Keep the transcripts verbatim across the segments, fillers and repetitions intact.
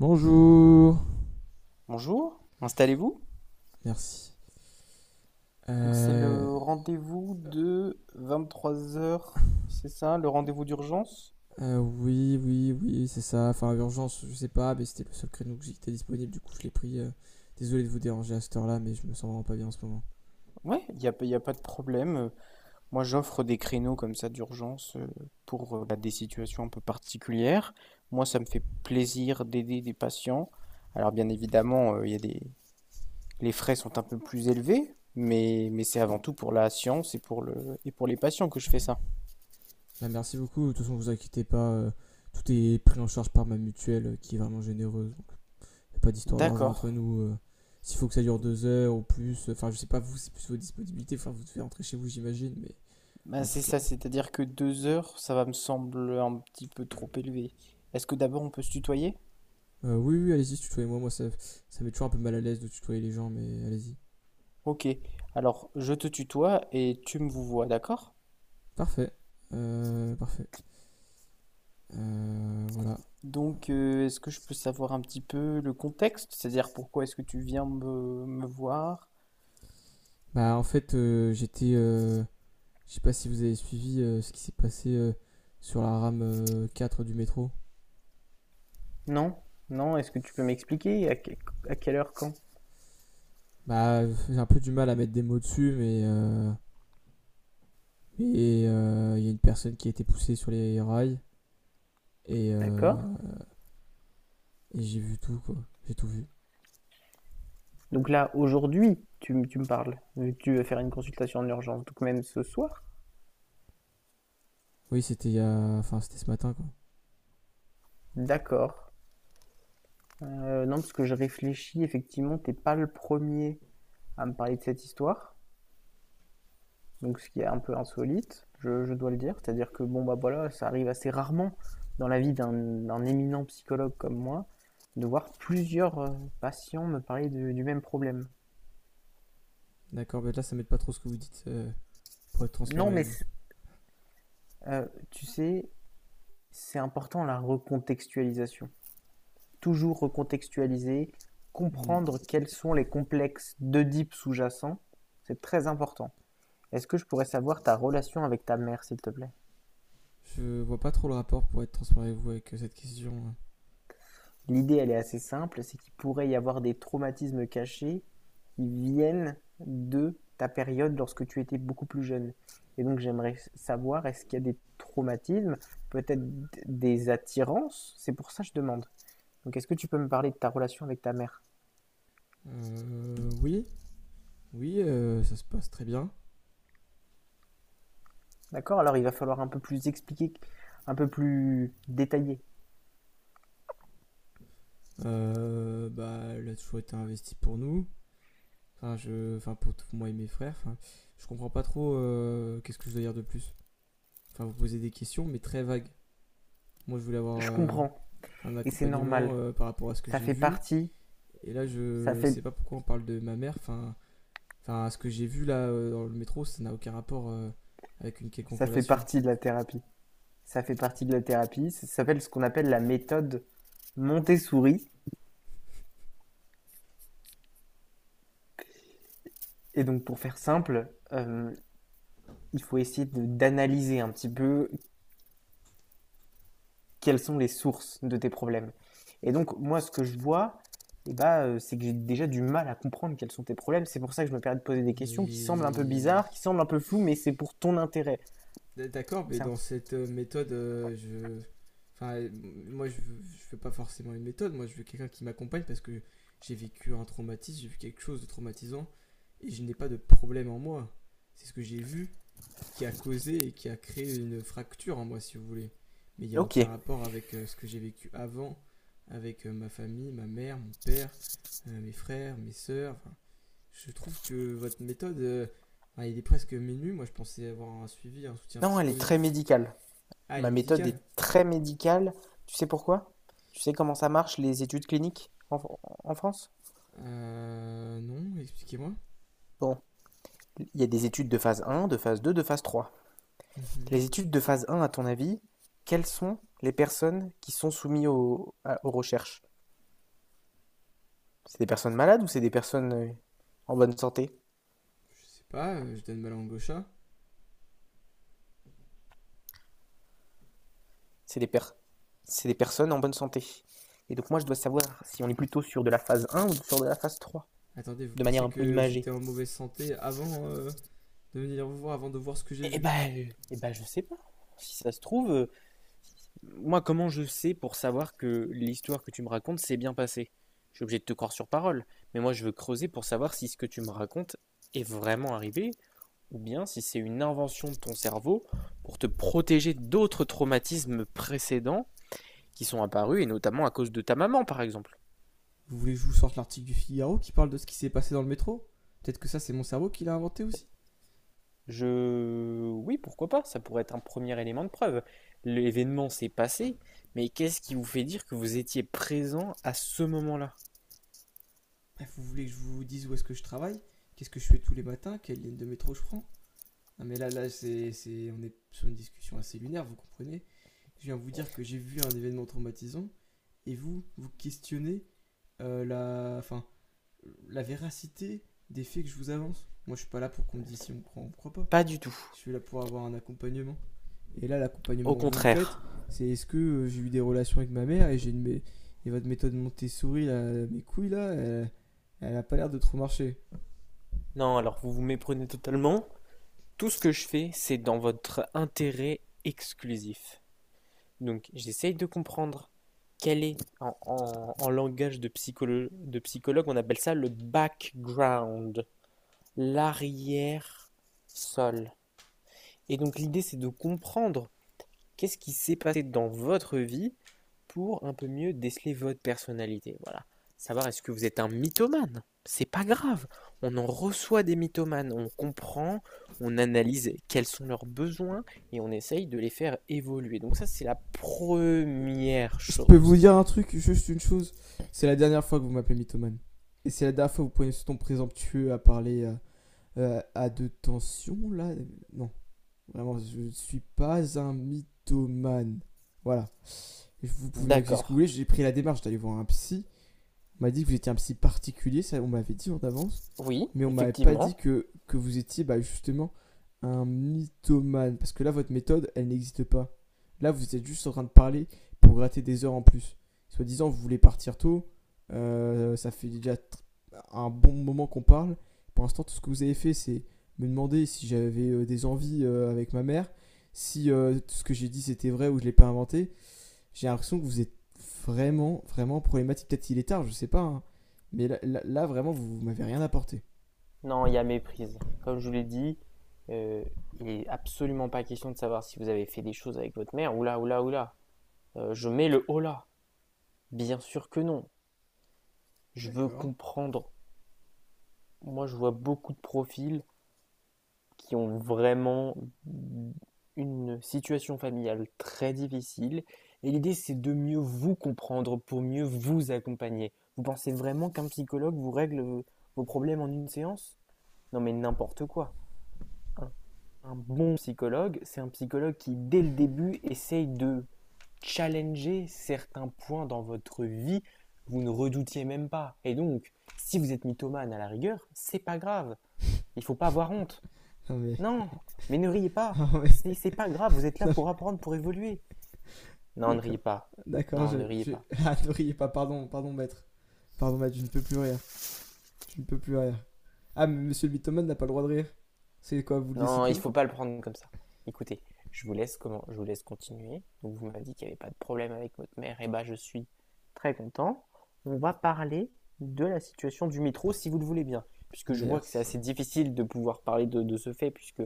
Bonjour. Bonjour, installez-vous. Merci. Donc c'est Euh, le rendez-vous de vingt-trois heures, c'est ça, le rendez-vous d'urgence? euh, oui, oui, oui, oui, c'est ça. Enfin, urgence, je sais pas, mais c'était le seul créneau que j'étais disponible, du coup je l'ai pris. euh. Désolé de vous déranger à cette heure-là, mais je me sens vraiment pas bien en ce moment. Ouais, il n'y a, pas- y a pas de problème. Euh, Moi, j'offre des créneaux comme ça d'urgence, euh, pour euh, bah, des situations un peu particulières. Moi, ça me fait plaisir d'aider des patients. Alors, bien évidemment, euh, y a des... les frais sont un peu plus élevés, mais, mais c'est avant tout pour la science et pour le... et pour les patients que je fais ça. Bah, merci beaucoup. De toute façon, vous inquiétez pas. euh, tout est pris en charge par ma mutuelle, euh, qui est vraiment généreuse. Y a pas d'histoire d'argent D'accord. entre nous. euh. S'il faut que ça dure deux heures ou plus, euh, enfin, euh, je sais pas, vous, c'est plus vos disponibilités. Enfin, vous devez rentrer chez vous, j'imagine, mais Bah, en tout c'est cas. ça, c'est-à-dire que deux heures, ça va me sembler un petit peu trop élevé. Est-ce que d'abord on peut se tutoyer? Euh, oui, oui, allez-y, tutoyez-moi. Moi, ça, ça met toujours un peu mal à l'aise de tutoyer les gens, mais allez-y. Ok, alors je te tutoie et tu me vous vois, d'accord? Parfait. Euh, parfait. Euh, voilà. Donc euh, est-ce que je peux savoir un petit peu le contexte? C'est-à-dire pourquoi est-ce que tu viens me, me voir? Bah, en fait, euh, j'étais. Euh, je sais pas si vous avez suivi euh, ce qui s'est passé euh, sur la rame euh, quatre du métro. Non, non, est-ce que tu peux m'expliquer à, que- à quelle heure, quand? Bah, j'ai un peu du mal à mettre des mots dessus, mais. euh, mais, euh, il euh, y a une personne qui a été poussée sur les rails. Et. euh, D'accord? et j'ai vu tout, quoi. J'ai tout vu. Donc là, aujourd'hui, tu, m- tu me parles, vu que tu veux faire une consultation en urgence, donc même ce soir? Oui, c'était il y a. Enfin, c'était ce matin, quoi. D'accord. Euh, non, parce que je réfléchis, effectivement, t'es pas le premier à me parler de cette histoire, donc ce qui est un peu insolite, je, je dois le dire. C'est-à-dire que bon bah voilà, ça arrive assez rarement dans la vie d'un d'un éminent psychologue comme moi de voir plusieurs euh, patients me parler de- du même problème. D'accord, mais là, ça m'aide pas trop ce que vous dites, euh, pour être transparent Non avec mais vous. euh, tu sais, c'est important la recontextualisation. Toujours recontextualiser, comprendre quels sont les complexes d'Oedipe sous-jacents, c'est très important. Est-ce que je pourrais savoir ta relation avec ta mère, s'il te plaît? Je vois pas trop le rapport pour être transparent avec vous avec, euh, cette question. euh. L'idée, elle est assez simple, c'est qu'il pourrait y avoir des traumatismes cachés qui viennent de ta période lorsque tu étais beaucoup plus jeune. Et donc j'aimerais savoir, est-ce qu'il y a des traumatismes, peut-être des attirances. C'est pour ça que je demande. Donc est-ce que tu peux me parler de ta relation avec ta mère? Euh, oui, oui, euh, ça se passe très bien. D'accord. Alors il va falloir un peu plus expliquer, un peu plus détaillé. Euh, bah, il a toujours été investi pour nous. Enfin, je, enfin pour tout- moi et mes frères. Enfin, je comprends pas trop, euh, qu'est-ce que je dois dire de plus. Enfin, vous posez des questions, mais très vagues. Moi, je voulais avoir Je euh, comprends, un et c'est accompagnement normal. euh, par rapport à ce que Ça j'ai fait vu. partie, Et là, ça je sais fait, pas pourquoi on parle de ma mère. Enfin, enfin, ce que j'ai vu là, euh, dans le métro, ça n'a aucun rapport, euh, avec une quelconque ça fait relation. partie de la thérapie. Ça fait partie de la thérapie. Ça s'appelle ce qu'on appelle la méthode Montessori. Et donc, pour faire simple, euh, il faut essayer de- d'analyser un petit peu quelles sont les sources de tes problèmes. Et donc, moi, ce que je vois, eh ben, euh, c'est que j'ai déjà du mal à comprendre quels sont tes problèmes. C'est pour ça que je me permets de poser des questions qui semblent un peu Mais bizarres, qui semblent un peu floues, mais c'est pour ton intérêt. D'accord, mais C'est un- dans cette, euh, méthode, euh, je. Enfin, euh, moi, je veux, je veux pas forcément une méthode. Moi, je veux quelqu'un qui m'accompagne parce que j'ai vécu un traumatisme, j'ai vu quelque chose de traumatisant et je n'ai pas de problème en moi. C'est ce que j'ai vu qui a causé et qui a créé une fracture en moi, si vous voulez. Mais il n'y a Ok. aucun rapport avec, euh, ce que j'ai vécu avant, avec, euh, ma famille, ma mère, mon père, euh, mes frères, mes sœurs. Enfin, je trouve que votre méthode, euh, enfin, il est presque menu. Moi, je pensais avoir un suivi, un soutien Non, elle est très psychologique. médicale. Ah, elle Ma est méthode est médicale. très médicale. Tu sais pourquoi? Tu sais comment ça marche, les études cliniques en, en France? Euh, non, expliquez-moi. Bon, il y a des études de phase un, de phase deux, de phase trois. Mhm. Les études de phase un, à ton avis, quelles sont les personnes qui sont soumises aux, à- aux recherches? C'est des personnes malades ou c'est des personnes euh, en bonne santé? Je sais pas, euh, je donne ma langue au chat. C'est des, per- c'est des personnes en bonne santé. Et donc moi je dois savoir si on est plutôt sur de la phase un ou sur de la phase trois, Attendez, vous de manière pensez un peu que imagée. j'étais en mauvaise santé avant, euh, de venir vous voir, avant de voir ce que j'ai Eh vu? ben, euh, eh ben je sais pas. Si ça se trouve, euh, moi, comment je sais pour savoir que l'histoire que tu me racontes s'est bien passée? Je suis obligé de te croire sur parole, mais moi je veux creuser pour savoir si ce que tu me racontes est vraiment arrivé. Ou bien si c'est une invention de ton cerveau pour te protéger d'autres traumatismes précédents qui sont apparus, et notamment à cause de ta maman, par exemple. Vous voulez que je vous sorte l'article du Figaro qui parle de ce qui s'est passé dans le métro? Peut-être que ça, c'est mon cerveau qui l'a inventé aussi. Je... oui, pourquoi pas, ça pourrait être un premier élément de preuve. L'événement s'est passé, mais qu'est-ce qui vous fait dire que vous étiez présent à ce moment-là? Bref, vous voulez que je vous dise où est-ce que je travaille? Qu'est-ce que je fais tous les matins? Quelle ligne de métro je prends? Non, mais là, là, c'est, c'est- on est sur une discussion assez lunaire, vous comprenez? Je viens vous dire que j'ai vu un événement traumatisant, et vous, vous questionnez, euh, la, enfin, la véracité des faits que je vous avance. Moi, je suis pas là pour qu'on me dise si on croit ou on croit pas. Pas du tout, Je suis là pour avoir un accompagnement. Et là, au l'accompagnement que vous me faites, contraire. c'est est-ce que, euh, j'ai eu des relations avec ma mère et j'ai une et votre méthode Montessori, là, mes couilles là, elle, elle a pas l'air de trop marcher. Non, alors vous vous méprenez totalement. Tout ce que je fais, c'est dans votre intérêt exclusif. Donc j'essaye de comprendre quel est, en, en- en langage de psycholo- de psychologue, on appelle ça le background, l'arrière-sol. Et donc l'idée, c'est de comprendre qu'est-ce qui s'est passé dans votre vie pour un peu mieux déceler votre personnalité. Voilà. Savoir est-ce que vous êtes un mythomane. C'est pas grave. On en reçoit des mythomanes. On comprend, on analyse quels sont leurs besoins et on essaye de les faire évoluer. Donc ça, c'est la première Je peux chose. vous dire un truc, juste une chose. C'est la dernière fois que vous m'appelez mythomane. Et c'est la dernière fois que vous prenez ce ton présomptueux à parler, euh, euh, à de tension, là. Non, vraiment, je ne suis pas un mythomane. Voilà. Vous pouvez m'accuser ce que D'accord. vous voulez. J'ai pris la démarche d'aller voir un psy. On m'a dit que vous étiez un psy particulier, ça on m'avait dit en avance, Oui, mais on m'avait pas dit effectivement. que, que vous étiez, bah, justement un mythomane, parce que là votre méthode, elle n'existe pas. Là vous êtes juste en train de parler pour gratter des heures en plus. Soit disant vous voulez partir tôt, euh, ça fait déjà un bon moment qu'on parle. Pour l'instant tout ce que vous avez fait c'est me demander si j'avais, euh, des envies, euh, avec ma mère, si, euh, tout ce que j'ai dit c'était vrai ou je l'ai pas inventé, j'ai l'impression que vous êtes vraiment, vraiment problématique. Peut-être qu'il est tard, je sais pas. Hein. Mais là, là- là, vraiment, vous, vous m'avez rien apporté. Non, il y a méprise. Comme je vous l'ai dit, euh, il n'est absolument pas question de savoir si vous avez fait des choses avec votre mère. Oula, oula, oula. Euh, je mets le hola. Bien sûr que non. Je veux D'accord. comprendre. Moi, je vois beaucoup de profils qui ont vraiment une situation familiale très difficile. Et l'idée, c'est de mieux vous comprendre pour mieux vous accompagner. Vous pensez vraiment qu'un psychologue vous règle vos vos problèmes en une séance? Non, mais n'importe quoi. Un, un bon psychologue, c'est un psychologue qui, dès le début, essaye de challenger certains points dans votre vie que vous ne redoutiez même pas. Et donc, si vous êtes mythomane à la rigueur, c'est pas grave. Il ne faut pas avoir honte. Non mais, Non, mais ne riez pas. non mais, C'est c'est pas grave. Vous êtes là non pour mais- apprendre, pour évoluer. Non, ne riez d'accord, pas. d'accord, Non, je, ne riez je, pas. ah ne riez pas, pardon, pardon maître, pardon maître, je ne peux plus rire, je ne peux plus rire. Ah mais monsieur le mythomane n'a pas le droit de rire, c'est quoi, vous le Non, il décidez? faut pas le prendre comme ça. Écoutez, je vous laisse comment, je vous laisse continuer. Donc vous m'avez dit qu'il n'y avait pas de problème avec votre mère. Et bah je suis très content. On va parler de la situation du métro, si vous le voulez bien, puisque je vois que c'est Merci. assez difficile de pouvoir parler de, de ce fait, puisque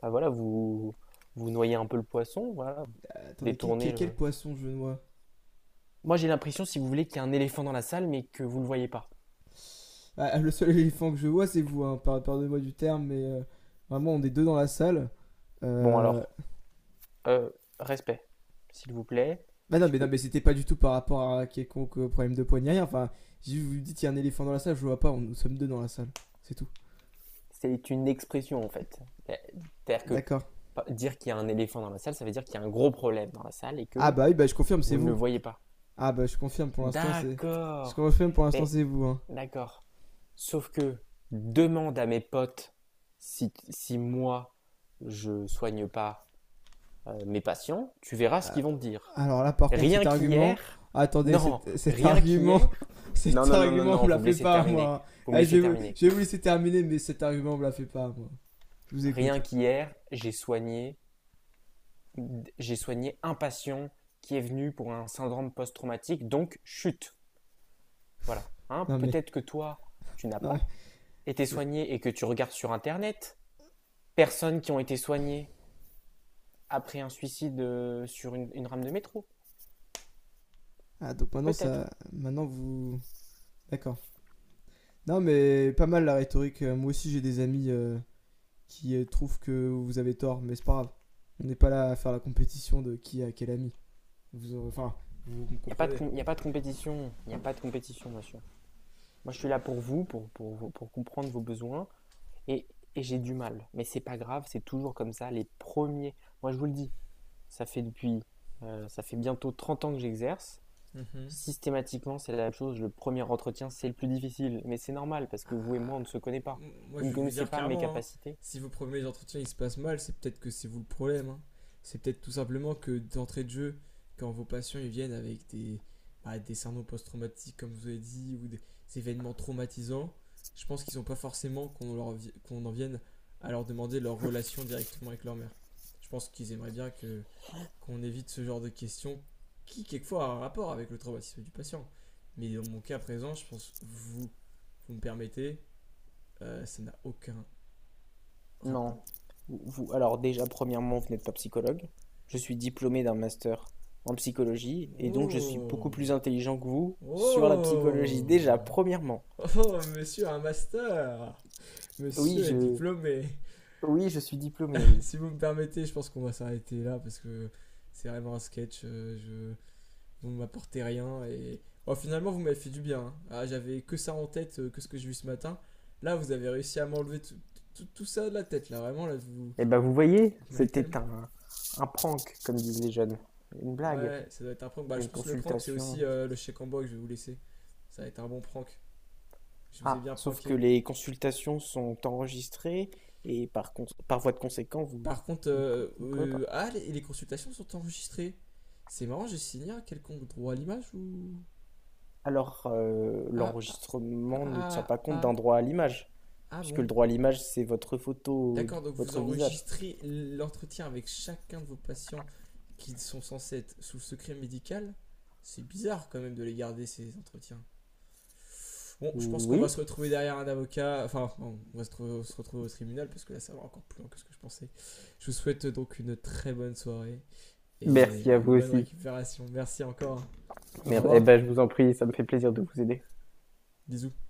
bah voilà, vous vous noyez un peu le poisson, voilà, Attendez, quel, détournez quel- quel le. poisson je vois? Moi j'ai l'impression, si vous voulez, qu'il y a un éléphant dans la salle, mais que vous ne le voyez pas. Ah, le seul éléphant que je vois c'est vous, hein, pardonnez-moi du terme, mais, euh, vraiment on est deux dans la salle. Bon Euh, alors, euh, respect, s'il vous plaît, Bah non, mais, puisque non, mais c'était pas du tout par rapport à quelconque, euh, problème de poignet. Enfin, si vous me dites il y a un éléphant dans la salle, je vois pas, on- nous sommes deux dans la salle. C'est tout. c'est une expression en fait. Euh, C'est-à-dire que D'accord. dire qu'il y a un éléphant dans la salle, ça veut dire qu'il y a un gros problème dans la salle et Ah que bah oui, bah je confirme, c'est vous ne le vous. voyez pas. Ah bah je confirme pour l'instant, c'est. Je D'accord. confirme pour l'instant, Mais c'est vous. Hein. d'accord. Sauf que demande à mes potes si, si moi je soigne pas euh, mes patients, tu verras ce Euh, qu'ils vont te dire. alors là, par contre, cet Rien argument. qu'hier, Attendez, non, cet, cet rien argument. qu'hier, non, Cet non, non, non, argument, on non, me vous la me fait laissez pas, terminer, moi. Hein. vous me Ah, je, laissez vais, terminer. je vais vous laisser terminer, mais cet argument, on me la fait pas, moi. Je vous écoute. Rien qu'hier, j'ai soigné j'ai soigné un patient qui est venu pour un syndrome post-traumatique, donc chute. Voilà. Hein, Non mais. peut-être que toi, tu n'as Non mais. pas été soigné et que tu regardes sur Internet personnes qui ont été soignées après un suicide euh, sur une, une rame de métro. Ah, donc maintenant, Peut-être. ça. Maintenant, vous. D'accord. Non, mais pas mal la rhétorique. Euh, Moi aussi, j'ai des amis, euh, qui, euh, trouvent que vous avez tort, mais c'est pas grave. On n'est pas là à faire la compétition de qui a quel ami. Vous aurez- Enfin, vous me Il n'y a, pas de comprenez. com- y a pas de compétition. Il n'y a pas de compétition, monsieur. Moi, je suis là pour vous, pour, pour, pour comprendre vos besoins. Et, et j'ai du mal. Mais c'est pas grave, c'est toujours comme ça. Les premiers. Moi, je vous le dis, ça fait depuis. Euh, ça fait bientôt trente ans que j'exerce. Mhm. Systématiquement, c'est la même chose. Le premier entretien, c'est le plus difficile. Mais c'est normal parce que vous et moi, on ne Ah, se connaît pas. moi, Vous je ne vais vous connaissez dire pas mes clairement, hein, capacités. si vos premiers entretiens ils se passent mal, c'est peut-être que c'est vous le problème. Hein. C'est peut-être tout simplement que d'entrée de jeu, quand vos patients ils viennent avec des, bah, des syndromes post-traumatiques, comme vous avez dit, ou des événements traumatisants, je pense qu'ils n'ont pas forcément qu'on leur qu'on en vienne à leur demander leur relation directement avec leur mère. Je pense qu'ils aimeraient bien que qu'on évite ce genre de questions qui quelquefois a un rapport avec le traumatisme du patient. Mais dans mon cas présent, je pense vous vous me permettez, euh, ça n'a aucun Non. rapport. Vous, alors déjà, premièrement, vous n'êtes pas psychologue. Je suis diplômé d'un master en psychologie et donc je suis Oh, beaucoup plus intelligent que vous sur la psychologie. oh, Déjà, premièrement. oh, monsieur a un master? Oui, Monsieur est je, diplômé? oui, je suis diplômé, oui. Si vous me permettez, je pense qu'on va s'arrêter là parce que c'est vraiment un sketch. euh, Je... Vous ne m'apportez rien et. Bon, finalement, vous m'avez fait du bien. Hein. Ah, j'avais que ça en tête, euh, que ce que j'ai vu ce matin. Là, vous avez réussi à m'enlever tout, tout- tout ça de la tête, là. Vraiment, là, vous, vous Eh ben, vous voyez, m'avez tellement. c'était un, un prank, comme disent les jeunes. Une blague, Ouais, ça doit être un prank. Bah, je une pense que le prank, c'est consultation, aussi, euh, le chèque en bois que je vais vous laisser. Ça va être un bon prank. Je vous ai Ah, bien sauf que pranké. les consultations sont enregistrées et par cons- par voie de conséquent, vous, Par contre, vous ne pou- euh, vous ne pouvez euh, pas. ah, les, les consultations sont enregistrées. C'est marrant, j'ai signé un quelconque droit à l'image ou? Alors, euh, Ah, ah, l'enregistrement ne tient ah, pas compte ah, d'un droit à l'image, ah puisque le bon. droit à l'image, c'est votre photo, de D'accord, donc vous votre visage. enregistrez l'entretien avec chacun de vos patients qui sont censés être sous le secret médical. C'est bizarre quand même de les garder ces entretiens. Bon, je pense qu'on va Oui, se retrouver derrière un avocat. Enfin, on va se, se retrouver au tribunal parce que là ça va encore plus loin que ce que je pensais. Je vous souhaite donc une très bonne soirée et, merci à euh, vous une bonne aussi. récupération. Merci encore. Au Mer- Eh revoir. ben, je vous en prie, ça me fait plaisir de vous aider. Bisous.